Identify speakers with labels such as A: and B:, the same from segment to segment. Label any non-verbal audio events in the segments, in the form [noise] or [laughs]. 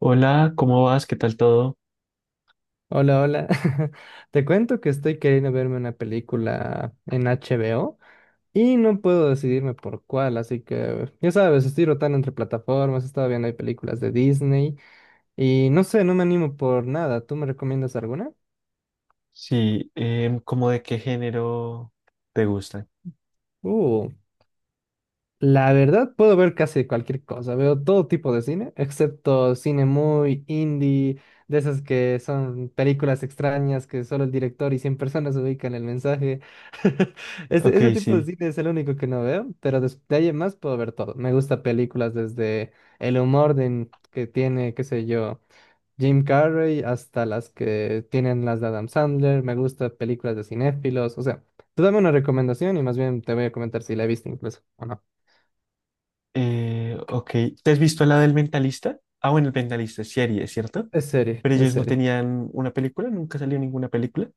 A: Hola, ¿cómo vas? ¿Qué tal todo?
B: Hola, hola. [laughs] Te cuento que estoy queriendo verme una película en HBO y no puedo decidirme por cuál, así que ya sabes, estoy rotando entre plataformas, estaba viendo hay películas de Disney y no sé, no me animo por nada. ¿Tú me recomiendas alguna?
A: Sí, ¿cómo de qué género te gustan?
B: Uh, la verdad puedo ver casi cualquier cosa, veo todo tipo de cine, excepto cine muy indie, de esas que son películas extrañas que solo el director y 100 personas ubican el mensaje. Ese,
A: Ok,
B: ese tipo de
A: sí.
B: cine es el único que no veo, pero de ahí en más puedo ver todo. Me gusta películas desde el humor que tiene, qué sé yo, Jim Carrey, hasta las que tienen las de Adam Sandler. Me gusta películas de cinéfilos. O sea, tú dame una recomendación y más bien te voy a comentar si la he visto incluso o no.
A: Ok, ¿te has visto la del Mentalista? Ah, bueno, el Mentalista es serie, ¿cierto?
B: Es serie,
A: Pero
B: es
A: ellos no
B: serie.
A: tenían una película, nunca salió ninguna película.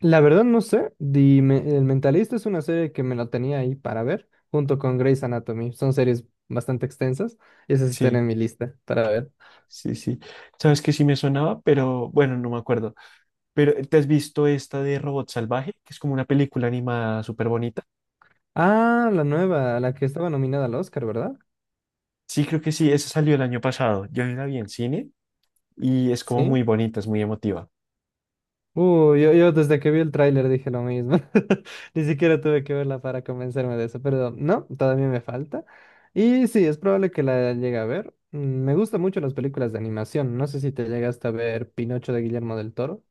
B: La verdad no sé. Dime, El Mentalista es una serie que me la tenía ahí para ver, junto con Grey's Anatomy. Son series bastante extensas y esas están
A: Sí,
B: en mi lista para ver.
A: sí, sí. Sabes que sí me sonaba, pero bueno, no me acuerdo. Pero ¿te has visto esta de Robot Salvaje? Que es como una película animada súper bonita.
B: Ah, la nueva, la que estaba nominada al Oscar, ¿verdad?
A: Sí, creo que sí, esa salió el año pasado. Yo la vi en cine y es como
B: Sí.
A: muy bonita, es muy emotiva.
B: Yo desde que vi el tráiler dije lo mismo. [laughs] Ni siquiera tuve que verla para convencerme de eso, pero no, todavía me falta. Y sí, es probable que la llegue a ver. Me gustan mucho las películas de animación. No sé si te llegaste a ver Pinocho de Guillermo del Toro.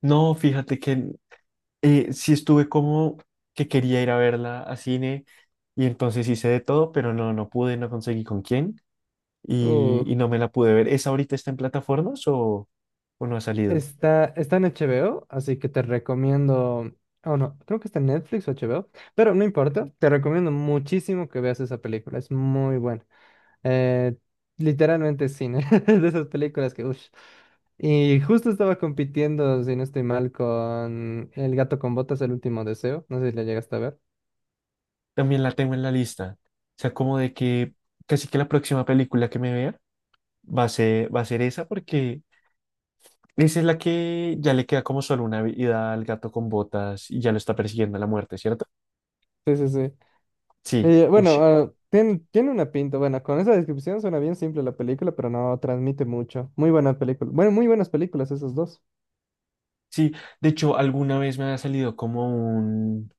A: No, fíjate que sí estuve como que quería ir a verla a cine y entonces hice de todo, pero no, no pude, no conseguí con quién y,
B: Uh,
A: y no me la pude ver. ¿Esa ahorita está en plataformas o no ha salido?
B: está en HBO, así que te recomiendo. Oh, no, creo que está en Netflix o HBO, pero no importa. Te recomiendo muchísimo que veas esa película. Es muy buena. Eh, literalmente cine, [laughs] de esas películas que, uff. Y justo estaba compitiendo, si no estoy mal, con El gato con botas, El último deseo. No sé si la llegaste a ver.
A: También la tengo en la lista. O sea, como de que casi que la próxima película que me vea va a ser esa porque esa es la que ya le queda como solo una vida al gato con botas y ya lo está persiguiendo la muerte, ¿cierto?
B: Sí, sí, sí.
A: Sí,
B: Y, bueno,
A: ush.
B: ah, tiene una pinta. Bueno, con esa descripción suena bien simple la película, pero no transmite mucho. Muy buena película. Bueno, muy buenas películas esas dos.
A: Sí, de hecho, alguna vez me ha salido como un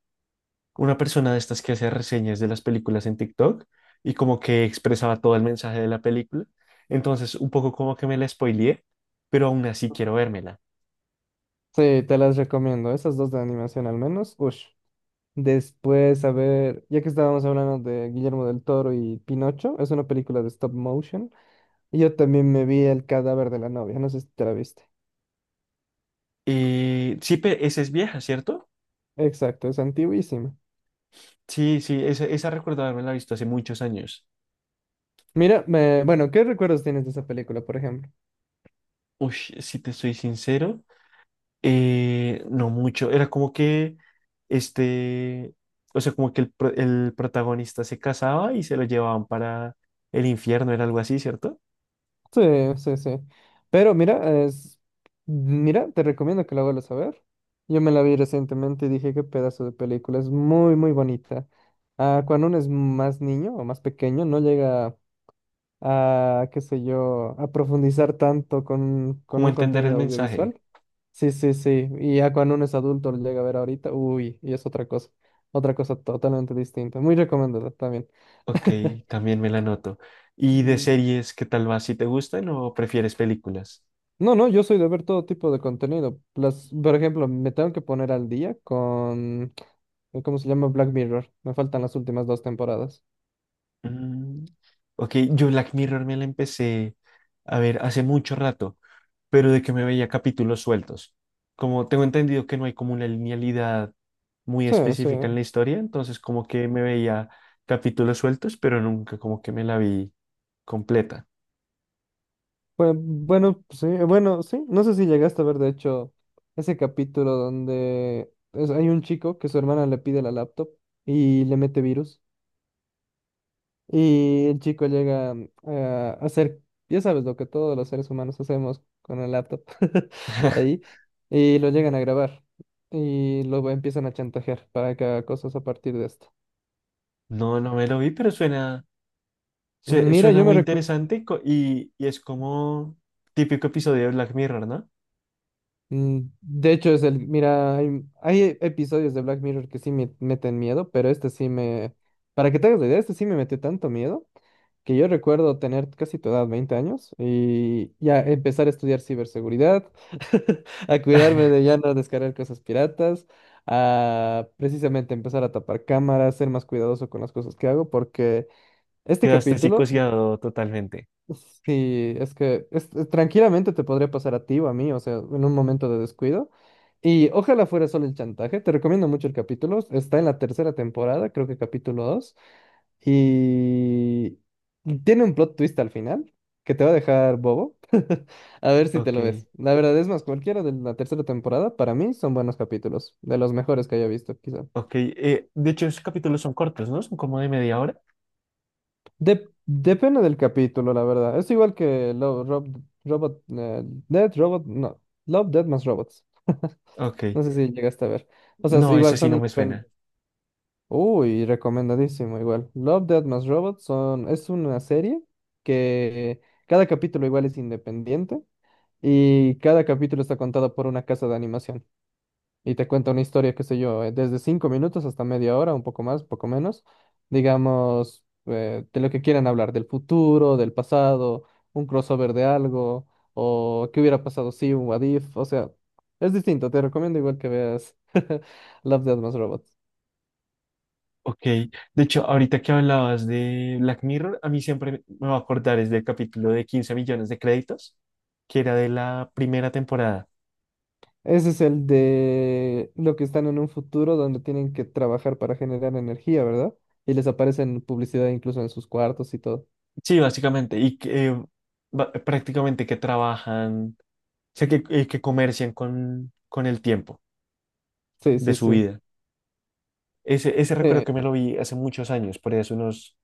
A: una persona de estas que hace reseñas de las películas en TikTok y como que expresaba todo el mensaje de la película. Entonces, un poco como que me la spoileé, pero aún así quiero vérmela.
B: Sí, te las recomiendo. Esas dos de animación al menos. Ush. Después, a ver, ya que estábamos hablando de Guillermo del Toro y Pinocho, es una película de stop motion. Y yo también me vi el cadáver de la novia, no sé si te la viste.
A: Sí, esa es vieja, ¿cierto?
B: Exacto, es antiguísima.
A: Sí, sí, esa recuerdo haberla visto hace muchos años.
B: Mira, bueno, ¿qué recuerdos tienes de esa película, por ejemplo?
A: Uy, si te soy sincero, no mucho, era como que este, o sea, como que el protagonista se casaba y se lo llevaban para el infierno, era algo así, ¿cierto?
B: Sí, sí, sí. Pero mira, te recomiendo que la vuelvas a ver. Yo me la vi recientemente y dije, qué pedazo de película, es muy, muy bonita. Ah, cuando uno es más niño o más pequeño, no llega a, qué sé yo, a profundizar tanto con
A: ¿Cómo
B: un
A: entender el
B: contenido
A: mensaje?
B: audiovisual. Sí, sí, sí. Y ya cuando uno es adulto lo llega a ver ahorita, uy, y es otra cosa. Otra cosa totalmente distinta. Muy recomendada también.
A: Ok,
B: [laughs]
A: también me la noto. ¿Y de
B: Mm,
A: series, qué tal va? ¿Si te gustan o prefieres películas?
B: no, no, yo soy de ver todo tipo de contenido. Las, por ejemplo, me tengo que poner al día con, ¿cómo se llama? Black Mirror. Me faltan las últimas dos temporadas.
A: Mm, ok, yo Black Mirror me la empecé a ver hace mucho rato, pero de que me veía capítulos sueltos. Como tengo entendido que no hay como una linealidad muy
B: Sí, sí.
A: específica en la historia, entonces como que me veía capítulos sueltos, pero nunca como que me la vi completa.
B: Pues, bueno, sí, bueno, sí. No sé si llegaste a ver, de hecho, ese capítulo donde hay un chico que su hermana le pide la laptop y le mete virus. Y el chico llega a hacer, ya sabes, lo que todos los seres humanos hacemos con el laptop [laughs] ahí,
A: [laughs]
B: y lo llegan a grabar y lo empiezan a chantajear para que haga cosas a partir de esto.
A: No, no me lo vi, pero suena, sue-
B: Mira,
A: suena
B: yo me
A: muy
B: recuerdo,
A: interesante y es como típico episodio de Black Mirror, ¿no?
B: de hecho es el, mira, hay episodios de Black Mirror que sí me meten miedo, pero para que te hagas la idea, este sí me metió tanto miedo que yo recuerdo tener casi tu edad, 20 años, y ya empezar a estudiar ciberseguridad, [laughs] a cuidarme
A: [laughs]
B: de ya no descargar cosas piratas, a precisamente empezar a tapar cámaras, ser más cuidadoso con las cosas que hago, porque este
A: Quedaste
B: capítulo,
A: psicoseado totalmente.
B: sí, es que tranquilamente te podría pasar a ti o a mí, o sea, en un momento de descuido. Y ojalá fuera solo el chantaje, te recomiendo mucho el capítulo, está en la tercera temporada, creo que capítulo 2. Y tiene un plot twist al final que te va a dejar bobo. [laughs] A ver si te
A: Ok,
B: lo ves. La verdad es más, cualquiera de la tercera temporada para mí son buenos capítulos, de los mejores que haya visto, quizá.
A: ok. De hecho, esos capítulos son cortos, ¿no? Son como de media hora.
B: Depende del capítulo, la verdad. Es igual que Love, Robot, Dead Robot, no, Love, Dead más Robots.
A: Ok.
B: No sé si llegaste a ver. O sea,
A: No, eso
B: igual
A: sí
B: son
A: no me suena.
B: independientes. Uy, recomendadísimo, igual. Love, Dead más Robots es una serie que cada capítulo igual es independiente. Y cada capítulo está contado por una casa de animación. Y te cuenta una historia, qué sé yo, desde 5 minutos hasta media hora, un poco más, poco menos. Digamos, de lo que quieran hablar, del futuro, del pasado, un crossover de algo, o qué hubiera pasado si un what if. O sea, es distinto. Te recomiendo igual que veas [laughs] Love, Death Más Robots.
A: Ok. De hecho, ahorita que hablabas de Black Mirror, a mí siempre me va a acordar es del capítulo de 15 millones de créditos, que era de la primera temporada.
B: Ese es el de lo que están en un futuro donde tienen que trabajar para generar energía, ¿verdad? Y les aparecen publicidad incluso en sus cuartos y todo.
A: Sí, básicamente. Y que prácticamente que trabajan, o sea, que comercian con el tiempo
B: Sí,
A: de
B: sí,
A: su
B: sí.
A: vida. Ese recuerdo
B: Sí,
A: que me lo vi hace muchos años, por ahí hace unos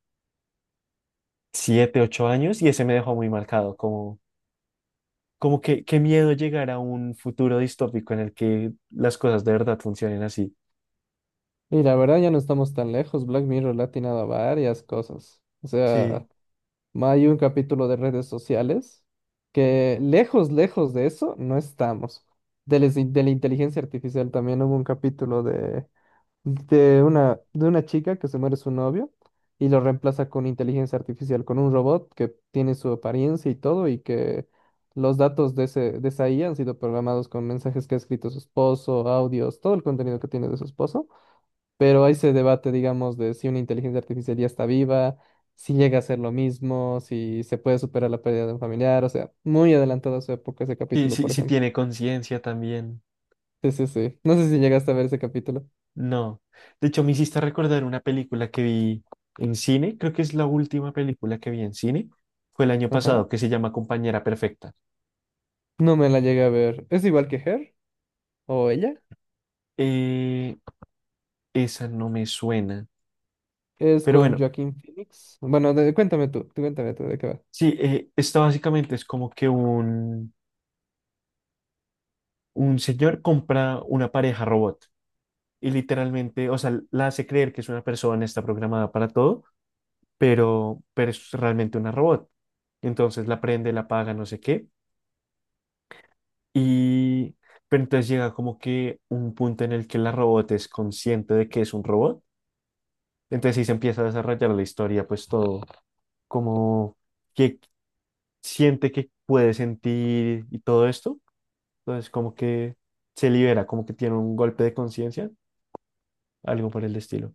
A: siete, ocho años y ese me dejó muy marcado, como que qué miedo llegar a un futuro distópico en el que las cosas de verdad funcionen así.
B: y la verdad ya no estamos tan lejos. Black Mirror le ha atinado a varias cosas. O sea,
A: Sí,
B: hay un capítulo de redes sociales que lejos, lejos de eso no estamos. De la inteligencia artificial también hubo un capítulo de una chica que se muere su novio y lo reemplaza con inteligencia artificial, con un robot que tiene su apariencia y todo y que los datos de esa IA han sido programados con mensajes que ha escrito su esposo, audios, todo el contenido que tiene de su esposo. Pero hay se debate, digamos, de si una inteligencia artificial ya está viva, si llega a ser lo mismo, si se puede superar la pérdida de un familiar, o sea, muy adelantado a su época ese
A: sí,
B: capítulo,
A: sí,
B: por
A: sí
B: ejemplo.
A: tiene conciencia también.
B: Sí, sí, sí. No sé si llegaste a ver ese capítulo.
A: No. De hecho, me hiciste recordar una película que vi en cine, creo que es la última película que vi en cine, fue el año
B: Ajá.
A: pasado, que se llama Compañera Perfecta.
B: No me la llegué a ver. ¿Es igual que Her o ella?
A: Eh, esa no me suena,
B: Es
A: pero
B: con
A: bueno,
B: Joaquín Phoenix. Bueno, tú cuéntame tú de qué va.
A: sí, esta básicamente es como que un señor compra una pareja robot y literalmente, o sea, la hace creer que es una persona, está programada para todo, pero es realmente una robot. Entonces la prende, la apaga, no sé qué. Y, pero entonces llega como que un punto en el que la robot es consciente de que es un robot. Entonces ahí se empieza a desarrollar la historia, pues todo, como que siente que puede sentir y todo esto. Entonces como que se libera, como que tiene un golpe de conciencia, algo por el estilo.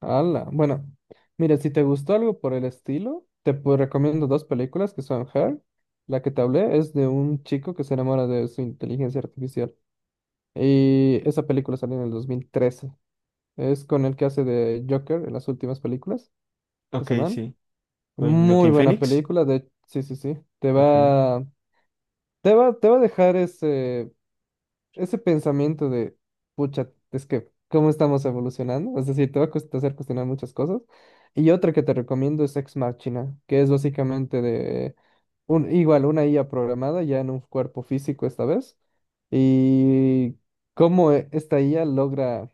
B: Hala. Bueno, mira, si te gustó algo por el estilo, recomiendo dos películas que son Her. La que te hablé es de un chico que se enamora de su inteligencia artificial. Y esa película salió en el 2013. Es con el que hace de Joker en las últimas películas,
A: Ok,
B: ese man.
A: sí, con
B: Muy
A: Joaquín
B: buena
A: Phoenix.
B: película. Sí, sí, sí.
A: Ok.
B: Te va a dejar ese pensamiento de, pucha, es que, ¿cómo estamos evolucionando? Es decir, te va a hacer cuestionar muchas cosas. Y otra que te recomiendo es Ex Machina, que es básicamente de, igual, una IA programada ya en un cuerpo físico esta vez. Y cómo esta IA logra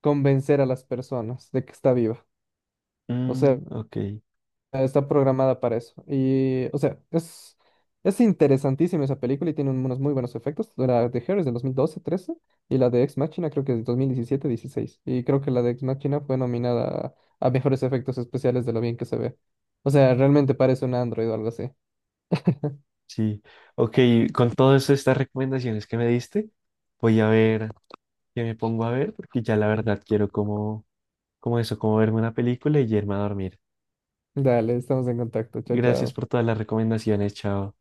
B: convencer a las personas de que está viva. O sea,
A: Mm, ok,
B: está programada para eso. Y, o sea, es interesantísima esa película y tiene unos muy buenos efectos. La de Her es del 2012-13 y la de Ex Machina creo que es del 2017-16. Y creo que la de Ex Machina fue nominada a mejores efectos especiales de lo bien que se ve. O sea, realmente parece un Android o algo así.
A: sí. Ok, con todas estas recomendaciones que me diste, voy a ver qué me pongo a ver, porque ya la verdad quiero como, eso, como verme una película y irme a dormir.
B: Dale, estamos en contacto. Chao,
A: Gracias
B: chao.
A: por todas las recomendaciones, chao.